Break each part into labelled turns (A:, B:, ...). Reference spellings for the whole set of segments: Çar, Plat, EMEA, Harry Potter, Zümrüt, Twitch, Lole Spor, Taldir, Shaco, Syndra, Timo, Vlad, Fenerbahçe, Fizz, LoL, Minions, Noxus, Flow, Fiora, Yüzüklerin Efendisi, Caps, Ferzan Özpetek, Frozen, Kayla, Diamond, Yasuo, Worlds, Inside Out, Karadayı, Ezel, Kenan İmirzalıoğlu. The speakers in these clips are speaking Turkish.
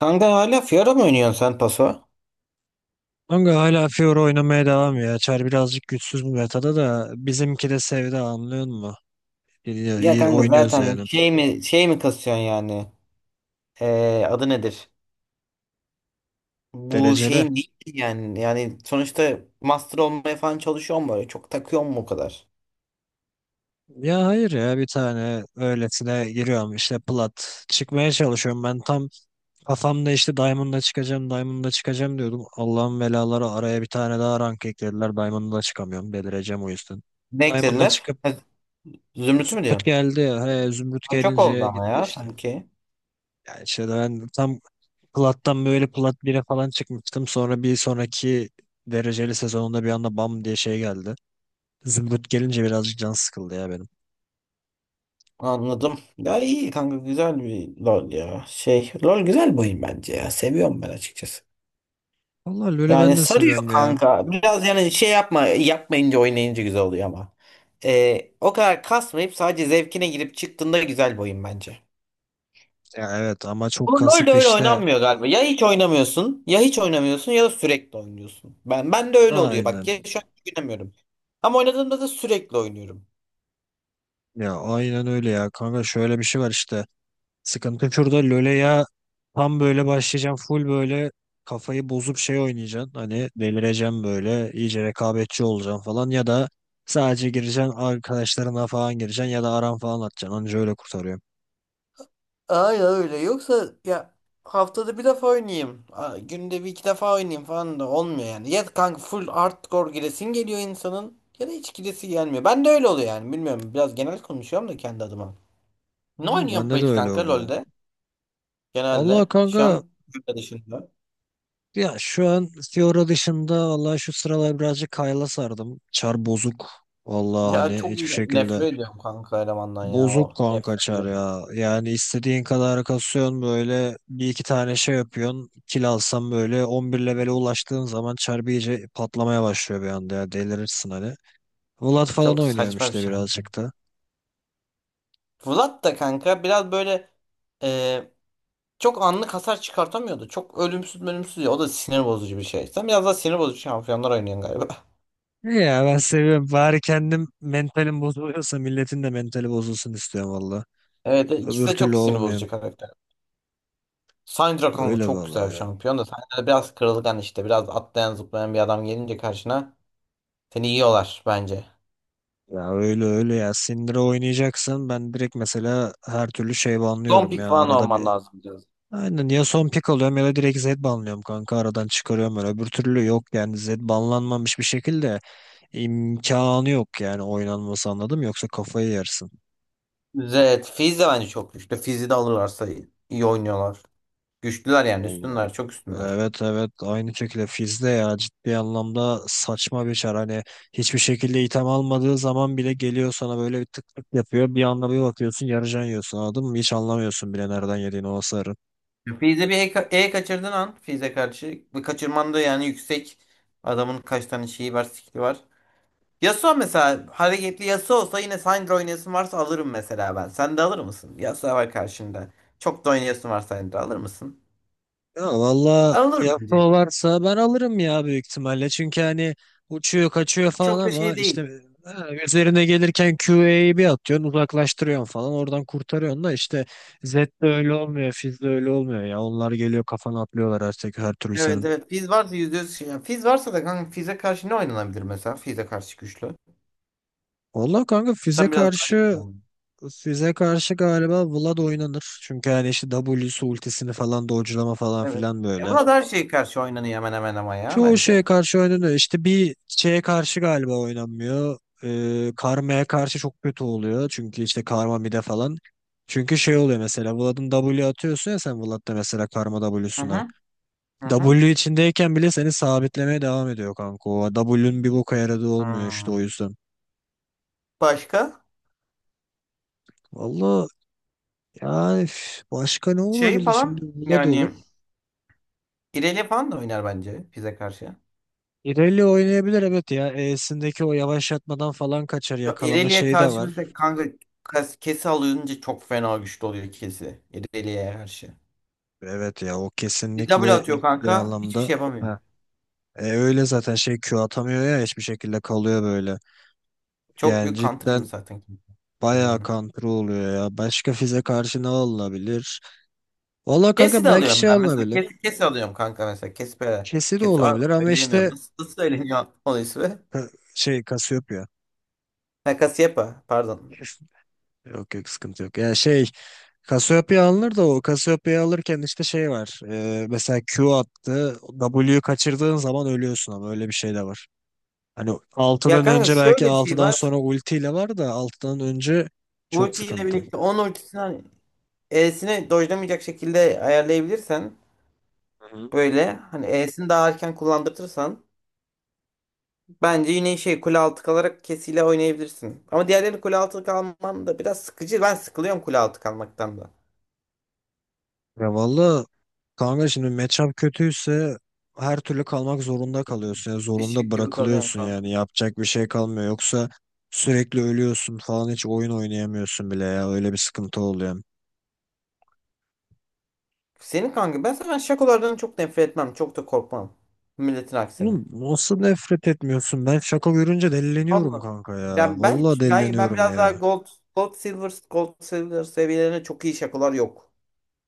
A: Kanka hala Fiora mı oynuyorsun sen paso?
B: Kanka hala Fiora oynamaya devam ya. Çar birazcık güçsüz bu metada da bizimki de sevdi anlıyor musun? İyi,
A: Ya
B: iyi
A: kanka
B: oynuyoruz
A: zaten evet.
B: yani.
A: Şey mi kasıyorsun yani? Adı nedir? Bu
B: Dereceli.
A: şeyin değil ki yani. Yani sonuçta master olmaya falan çalışıyor mu böyle? Çok takıyor mu o kadar?
B: Ya hayır ya bir tane öylesine giriyorum işte plat. Çıkmaya çalışıyorum ben tam kafamda işte Diamond'da çıkacağım Diamond'da çıkacağım diyordum. Allah'ın belaları araya bir tane daha rank eklediler. Diamond'da çıkamıyorum delireceğim o yüzden.
A: Ne
B: Diamond'da
A: eklediler?
B: çıkıp
A: Ha, Zümrüt'ü mü
B: Zümrüt
A: diyorsun?
B: geldi ya. He, Zümrüt
A: Ha, çok oldu
B: gelince
A: ama
B: gitti
A: ya
B: işte.
A: sanki.
B: Yani işte ben tam Plat'tan böyle Plat 1'e falan çıkmıştım. Sonra bir sonraki dereceli sezonunda bir anda bam diye şey geldi. Zımbırt gelince birazcık can sıkıldı ya benim.
A: Anladım. Ya iyi kanka, güzel bir LoL ya. Şey, LoL güzel bir oyun bence ya. Seviyorum ben açıkçası.
B: Vallahi LoL'ü ben
A: Yani
B: de
A: sarıyor
B: seviyorum ya.
A: kanka. Biraz yani şey yapmayınca oynayınca güzel oluyor ama. O kadar kasmayıp sadece zevkine girip çıktığında güzel bir oyun bence.
B: Ya evet ama
A: Bu
B: çok
A: LoL
B: kasıp
A: öyle
B: işte.
A: oynanmıyor galiba. Ya hiç oynamıyorsun ya da sürekli oynuyorsun. Ben de öyle oluyor. Bak
B: Aynen.
A: ya, şu an hiç oynamıyorum. Ama oynadığımda da sürekli oynuyorum.
B: Ya aynen öyle ya. Kanka şöyle bir şey var işte. Sıkıntı şurada LoL'e ya tam böyle başlayacağım full böyle kafayı bozup şey oynayacaksın. Hani delireceğim böyle iyice rekabetçi olacaksın falan ya da sadece gireceksin arkadaşlarına falan gireceksin ya da aran falan atacaksın. Anca öyle kurtarıyor.
A: Ay, öyle. Yoksa ya haftada bir defa oynayayım, günde bir iki defa oynayayım falan da olmuyor yani. Ya kanka full hardcore giresin geliyor insanın ya da hiç giresi gelmiyor. Ben de öyle oluyor yani. Bilmiyorum, biraz genel konuşuyorum da kendi adıma. Ne
B: Valla
A: oynuyorsun
B: bende de
A: peki
B: öyle
A: kanka
B: oluyor.
A: LoL'de?
B: Allah
A: Genelde. Şu
B: kanka
A: an Türkiye dışında.
B: ya şu an Fiora dışında valla şu sıralar birazcık Kayla sardım. Çar bozuk. Valla hani hiçbir şekilde
A: Nefret ediyorum kanka elemandan ya.
B: bozuk
A: Oh,
B: kanka
A: nefret
B: Çar
A: ediyorum.
B: ya. Yani istediğin kadar kasıyorsun böyle bir iki tane şey yapıyorsun. Kill alsam böyle 11 levele ulaştığın zaman Çar bir iyice patlamaya başlıyor bir anda ya delirirsin hani. Vlad falan
A: Çok
B: oynuyorum
A: saçma bir
B: işte
A: şey.
B: birazcık da.
A: Vlad da kanka biraz böyle çok anlık hasar çıkartamıyordu. Çok ölümsüz ölümsüz ya. O da sinir bozucu bir şey. Sen biraz daha sinir bozucu şampiyonlar oynuyorsun galiba.
B: İyi ya, ben seviyorum. Bari kendim mentalim bozuluyorsa milletin de mentali bozulsun istiyorum valla.
A: Evet, ikisi
B: Öbür
A: de
B: türlü
A: çok sinir
B: olmuyor.
A: bozucu karakter. Syndra kanka
B: Öyle
A: çok güzel
B: vallahi
A: bir
B: ya.
A: şampiyon da Syndra biraz kırılgan işte. Biraz atlayan zıplayan bir adam gelince karşına seni yiyorlar bence.
B: Ya öyle öyle ya. Sindire oynayacaksan ben direkt mesela her türlü şey
A: Son
B: banlıyorum
A: pick
B: ya.
A: falan
B: Arada bir.
A: olman lazım biraz.
B: Aynen, ya son pick alıyorum ya da direkt Z banlıyorum kanka aradan çıkarıyorum öyle. Öbür türlü yok yani Z banlanmamış bir şekilde imkanı yok yani oynanması, anladım, yoksa kafayı yersin.
A: Evet, Fizz de bence çok güçlü. Fizz'i de alırlarsa iyi oynuyorlar. Güçlüler yani,
B: Allah.
A: üstünler, çok üstünler.
B: Evet evet, aynı şekilde Fiz'de ya, ciddi anlamda saçma bir çar, hani hiçbir şekilde item almadığı zaman bile geliyor sana böyle bir tık tık yapıyor, bir anda bir bakıyorsun yarıcan yiyorsun, anladın mı, hiç anlamıyorsun bile nereden yediğini o hasarı.
A: Fizz'e bir E, kaçırdığın an Fizz'e karşı bir kaçırman da yani yüksek, adamın kaç tane şeyi var, skill'i var. Yasuo mesela, hareketli Yasuo olsa yine Syndra oynayasın varsa alırım mesela ben. Sen de alır mısın? Yasuo var karşında. Çok da oynayasın var, Syndra alır mısın?
B: Ya valla
A: Alır bence.
B: yapma varsa ben alırım ya, büyük ihtimalle. Çünkü hani uçuyor kaçıyor falan
A: Çok da
B: ama
A: şey
B: işte
A: değil.
B: ha, üzerine gelirken QA'yı bir atıyorsun uzaklaştırıyorsun falan oradan kurtarıyorsun da, işte Z'de öyle olmuyor, Fizz'de öyle olmuyor ya. Onlar geliyor kafana atlıyorlar artık her türlü
A: Evet,
B: senin.
A: evet. Fizz varsa yüzde yüz şey. Yani Fizz varsa da kanka Fizz'e karşı ne oynanabilir mesela? Fizz'e karşı güçlü.
B: Valla kanka Fizz'e
A: Sen biraz daha iyi
B: karşı
A: biliyorsun.
B: Fizz'e karşı galiba Vlad oynanır. Çünkü hani işte W'su ultisini falan dodge'lama falan
A: Evet.
B: filan
A: E
B: böyle.
A: burada her şeye karşı oynanıyor hemen hemen ama ya
B: Çoğu
A: bence.
B: şeye karşı oynanıyor. İşte bir şeye karşı galiba oynanmıyor. Karmaya karşı çok kötü oluyor. Çünkü işte karma mide falan. Çünkü şey oluyor mesela Vlad'ın W atıyorsun ya sen Vlad'da mesela karma
A: Hı
B: W'suna.
A: hı. Hı hı.
B: W içindeyken bile seni sabitlemeye devam ediyor kanka. O W'nun bir boka yaradığı olmuyor işte, o
A: Hmm.
B: yüzden.
A: Başka?
B: Valla yani, başka ne
A: Şeyi
B: olabilir şimdi?
A: falan
B: Vlad olur.
A: yani, İrelia falan da oynar bence Fizz'e karşı.
B: İrelia oynayabilir evet ya. E'sindeki o yavaşlatmadan falan kaçar.
A: Şu
B: Yakalama
A: Irelia
B: şeyi de var.
A: karşı kanka kesi alınca çok fena güçlü oluyor kesi. Irelia'ya karşı.
B: Evet ya, o
A: Bir W
B: kesinlikle
A: atıyor
B: ciddi
A: kanka, hiçbir
B: anlamda.
A: şey yapamıyor.
B: Ha. Öyle zaten, şey Q atamıyor ya hiçbir şekilde, kalıyor böyle.
A: Çok
B: Yani
A: büyük counter'ıyım
B: cidden
A: zaten.
B: bayağı
A: Irelia'nın.
B: kontrol oluyor ya. Başka fize karşı ne alınabilir? Valla
A: Kesi
B: kanka
A: de
B: belki
A: alıyorum
B: şey
A: ben. Mesela
B: alınabilir.
A: kesi, kesi alıyorum kanka mesela. Kesi böyle.
B: Kesi de
A: Kesi,
B: olabilir, ama
A: söyleyemiyorum.
B: işte
A: Nasıl söyleniyor onun ismi?
B: ha, şey Cassiopeia.
A: Ha, Cassiopeia, pardon.
B: Yok yok, sıkıntı yok. Ya şey Cassiopeia alınır da, o Cassiopeia alırken işte şey var. Mesela Q attı. W'yu kaçırdığın zaman ölüyorsun, ama öyle bir şey de var. Hani
A: Ya
B: 6'dan
A: kanka
B: önce, belki
A: şöyle bir şey
B: 6'dan
A: var.
B: sonra ultiyle var da, 6'dan önce çok
A: Ultiyle
B: sıkıntım.
A: birlikte 10 ultisini, hani E'sini dojlamayacak şekilde ayarlayabilirsen,
B: Hı hı.
A: böyle hani E'sini daha erken kullandırırsan bence yine şey, kule altı kalarak kesiyle oynayabilirsin. Ama diğerlerini kule altı kalman da biraz sıkıcı. Ben sıkılıyorum kule altı kalmaktan da.
B: Ya valla kanka, şimdi matchup kötüyse her türlü kalmak zorunda kalıyorsun. Yani zorunda
A: Eşek gibi kalıyorsun
B: bırakılıyorsun,
A: kanka.
B: yani yapacak bir şey kalmıyor. Yoksa sürekli ölüyorsun falan, hiç oyun oynayamıyorsun bile ya, öyle bir sıkıntı oluyor.
A: Senin kanka, ben zaten şakolardan çok nefret etmem. Çok da korkmam. Milletin aksine.
B: Oğlum nasıl nefret etmiyorsun? Ben şaka görünce delileniyorum
A: Allah.
B: kanka ya.
A: Ya
B: Valla
A: ben
B: delileniyorum
A: biraz daha
B: ya.
A: gold, gold silver seviyelerine çok iyi şakolar yok.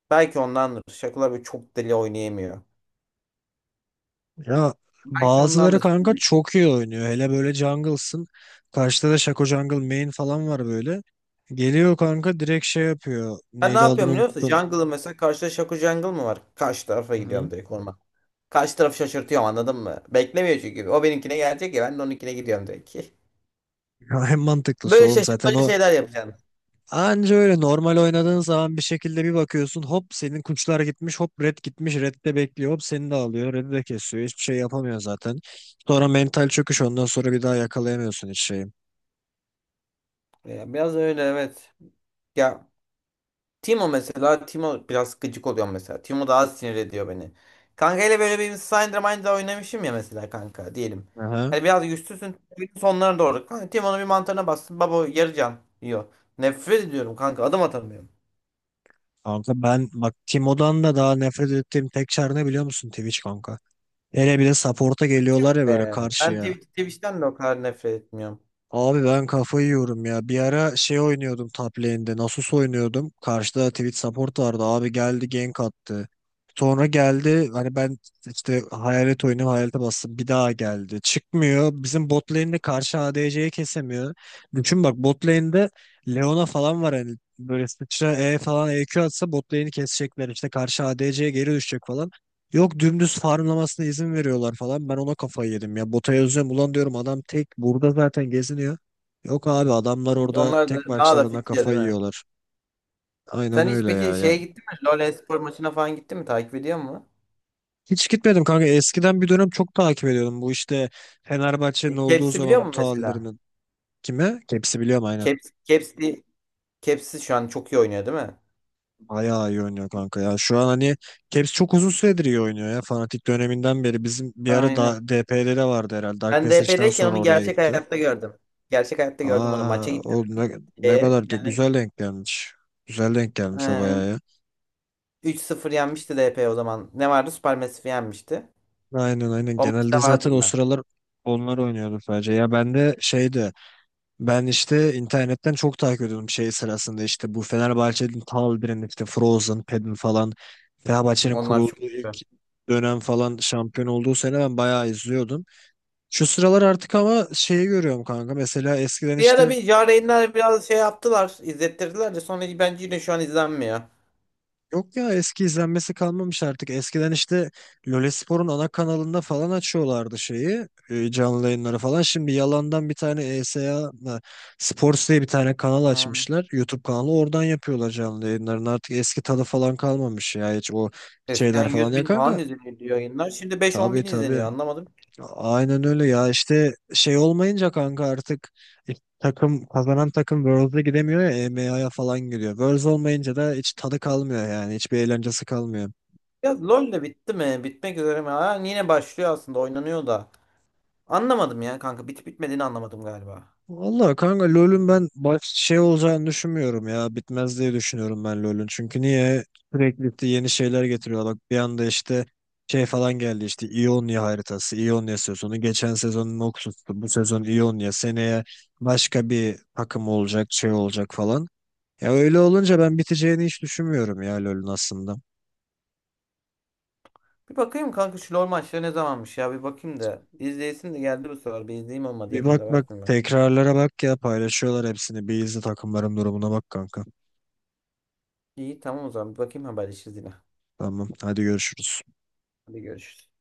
A: Belki ondandır. Şakolar böyle çok deli oynayamıyor.
B: Ya
A: Belki
B: bazıları
A: ondandır.
B: kanka çok iyi oynuyor. Hele böyle jungle'sın. Karşıda da Shaco Jungle main falan var böyle. Geliyor kanka direkt şey yapıyor,
A: Ben ne
B: neydi adını
A: yapıyorum biliyor musun?
B: unuttum.
A: Jungle'ı mesela, karşıda Shaco Jungle mı var? Karşı tarafa
B: Hı
A: gidiyorum
B: hı.
A: direkt, orman. Karşı tarafı şaşırtıyorum, anladın mı? Beklemiyor çünkü. O benimkine gelecek ya, ben de onunkine gidiyorum direkt.
B: Ya en mantıklısı
A: Böyle
B: oğlum zaten
A: şaşırtmaca
B: o.
A: şeyler yapacağım.
B: Anca öyle, normal oynadığın zaman bir şekilde bir bakıyorsun, hop senin kuçlar gitmiş. Hop red gitmiş. Red de bekliyor. Hop seni de alıyor, Red'i de kesiyor. Hiçbir şey yapamıyor zaten. Sonra mental çöküş. Ondan sonra bir daha yakalayamıyorsun hiç şeyi.
A: Ya biraz öyle, evet. Ya Timo mesela, Timo biraz gıcık oluyor mesela. Timo daha sinir ediyor beni. Kankayla böyle bir Syndra Mind'da oynamışım ya mesela kanka, diyelim.
B: Aha.
A: Hani biraz güçsüzsün sonlara doğru. Kanka Timo'nun bir mantarına bastın, baba yarı can yiyor. Nefret ediyorum kanka, adım atamıyorum.
B: Kanka ben bak, Timo'dan da daha nefret ettiğim tek çar ne biliyor musun? Twitch kanka. Hele bir de support'a
A: Tüh
B: geliyorlar ya böyle
A: be. Ben
B: karşıya.
A: Twitch'ten de o kadar nefret etmiyorum.
B: Abi ben kafayı yiyorum ya. Bir ara şey oynuyordum, top lane'de. Nasus oynuyordum. Karşıda Twitch support vardı. Abi geldi gank attı. Sonra geldi, hani ben işte hayalet oyunu, hayalete bastım. Bir daha geldi. Çıkmıyor. Bizim bot lane'de karşı ADC'yi kesemiyor. Düşün bak, bot lane'de Leona falan var hani. Böyle sıçra E falan EQ atsa bot lane'i kesecekler. İşte karşı ADC'ye geri düşecek falan. Yok, dümdüz farmlamasına izin veriyorlar falan. Ben ona kafayı yedim ya. Bota yazıyorum. Ulan diyorum adam tek burada zaten geziniyor. Yok abi, adamlar orada
A: Onlar da
B: tek
A: daha da
B: başlarına
A: fit ya, değil
B: kafayı
A: mi?
B: yiyorlar. Aynen
A: Sen hiç
B: öyle
A: peki
B: ya, ya.
A: şeye gittin mi? LoL espor maçına falan gittin mi? Takip ediyor mu?
B: Hiç gitmedim kanka. Eskiden bir dönem çok takip ediyordum. Bu işte Fenerbahçe'nin olduğu
A: Caps'i biliyor
B: zaman bu
A: musun mesela?
B: talilerinin, kime? Keps'i biliyorum aynen.
A: Caps, Caps'i, Caps'i şu an çok iyi oynuyor değil mi?
B: Bayağı iyi oynuyor kanka ya. Şu an hani Keps çok uzun süredir iyi oynuyor ya. Fanatik döneminden beri. Bizim bir ara
A: Aynen.
B: da DP'de de vardı herhalde. Dark
A: Ben
B: Passage'den
A: DP'deyken
B: sonra
A: onu
B: oraya
A: gerçek
B: gitti.
A: hayatta gördüm. Gerçek hayatta gördüm onu. Maça
B: Aa,
A: gittim.
B: o ne
A: E,
B: kadar da
A: yani,
B: güzel denk gelmiş. Güzel denk gelmiş o,
A: e,
B: bayağı ya.
A: 3-0 yenmişti DP o zaman. Ne vardı? Supermassive yenmişti.
B: Aynen aynen.
A: O maçta
B: Genelde zaten
A: vardım
B: o
A: ben.
B: sıralar onlar oynuyordu sadece. Ya ben de şeydi. Ben işte internetten çok takip ediyordum şey sırasında, işte bu Fenerbahçe'nin Taldir'in işte, Frozen, Pedin falan. Fenerbahçe'nin
A: Onlar
B: kurulduğu
A: çok
B: ilk
A: güçlü.
B: dönem falan, şampiyon olduğu sene ben bayağı izliyordum. Şu sıralar artık ama şeyi görüyorum kanka. Mesela eskiden
A: Bir ara
B: işte.
A: bir Yarenler biraz şey yaptılar, izlettirdiler de sonra bence yine şu an izlenmiyor.
B: Yok ya, eski izlenmesi kalmamış artık. Eskiden işte Lole Spor'un ana kanalında falan açıyorlardı şeyi, canlı yayınları falan. Şimdi yalandan bir tane ESA, S A mı, Sports diye bir tane kanal
A: Hmm.
B: açmışlar. YouTube kanalı, oradan yapıyorlar canlı yayınlarını. Artık eski tadı falan kalmamış ya, hiç o
A: Eskiden
B: şeyler falan
A: 100
B: ya
A: bin falan
B: kanka.
A: izleniyordu yayınlar. Şimdi 5-10
B: Tabii
A: bin
B: tabii.
A: izleniyor, anlamadım.
B: Aynen öyle ya, işte şey olmayınca kanka artık, e, kazanan takım Worlds'e gidemiyor ya, EMEA'ya falan gidiyor. Worlds olmayınca da hiç tadı kalmıyor, yani hiçbir eğlencesi kalmıyor.
A: Ya LoL de bitti mi? Bitmek üzere mi? Ha, yine başlıyor, aslında oynanıyor da. Anlamadım ya kanka, bitip bitmediğini anlamadım galiba.
B: Vallahi kanka LoL'ün ben baş şey olacağını düşünmüyorum ya. Bitmez diye düşünüyorum ben LoL'ün. Çünkü niye, sürekli işte yeni şeyler getiriyorlar. Bak bir anda işte şey falan geldi işte, Ionia haritası, Ionia sezonu. Geçen sezon Noxus'tu. Bu sezon Ionia. Seneye başka bir takım olacak, şey olacak falan. Ya öyle olunca ben biteceğini hiç düşünmüyorum ya LoL'ün aslında.
A: Bir bakayım kanka şu LoL maçları ne zamanmış ya, bir bakayım da. İzleyesim de geldi, bu sefer bir izleyeyim, olmadı
B: Bir
A: yakında
B: bak bak
A: versin ben.
B: tekrarlara bak ya, paylaşıyorlar hepsini. Bir izle takımların durumuna bak kanka.
A: İyi, tamam, o zaman bir bakayım, haberleşiriz yine.
B: Tamam hadi görüşürüz.
A: Hadi görüşürüz.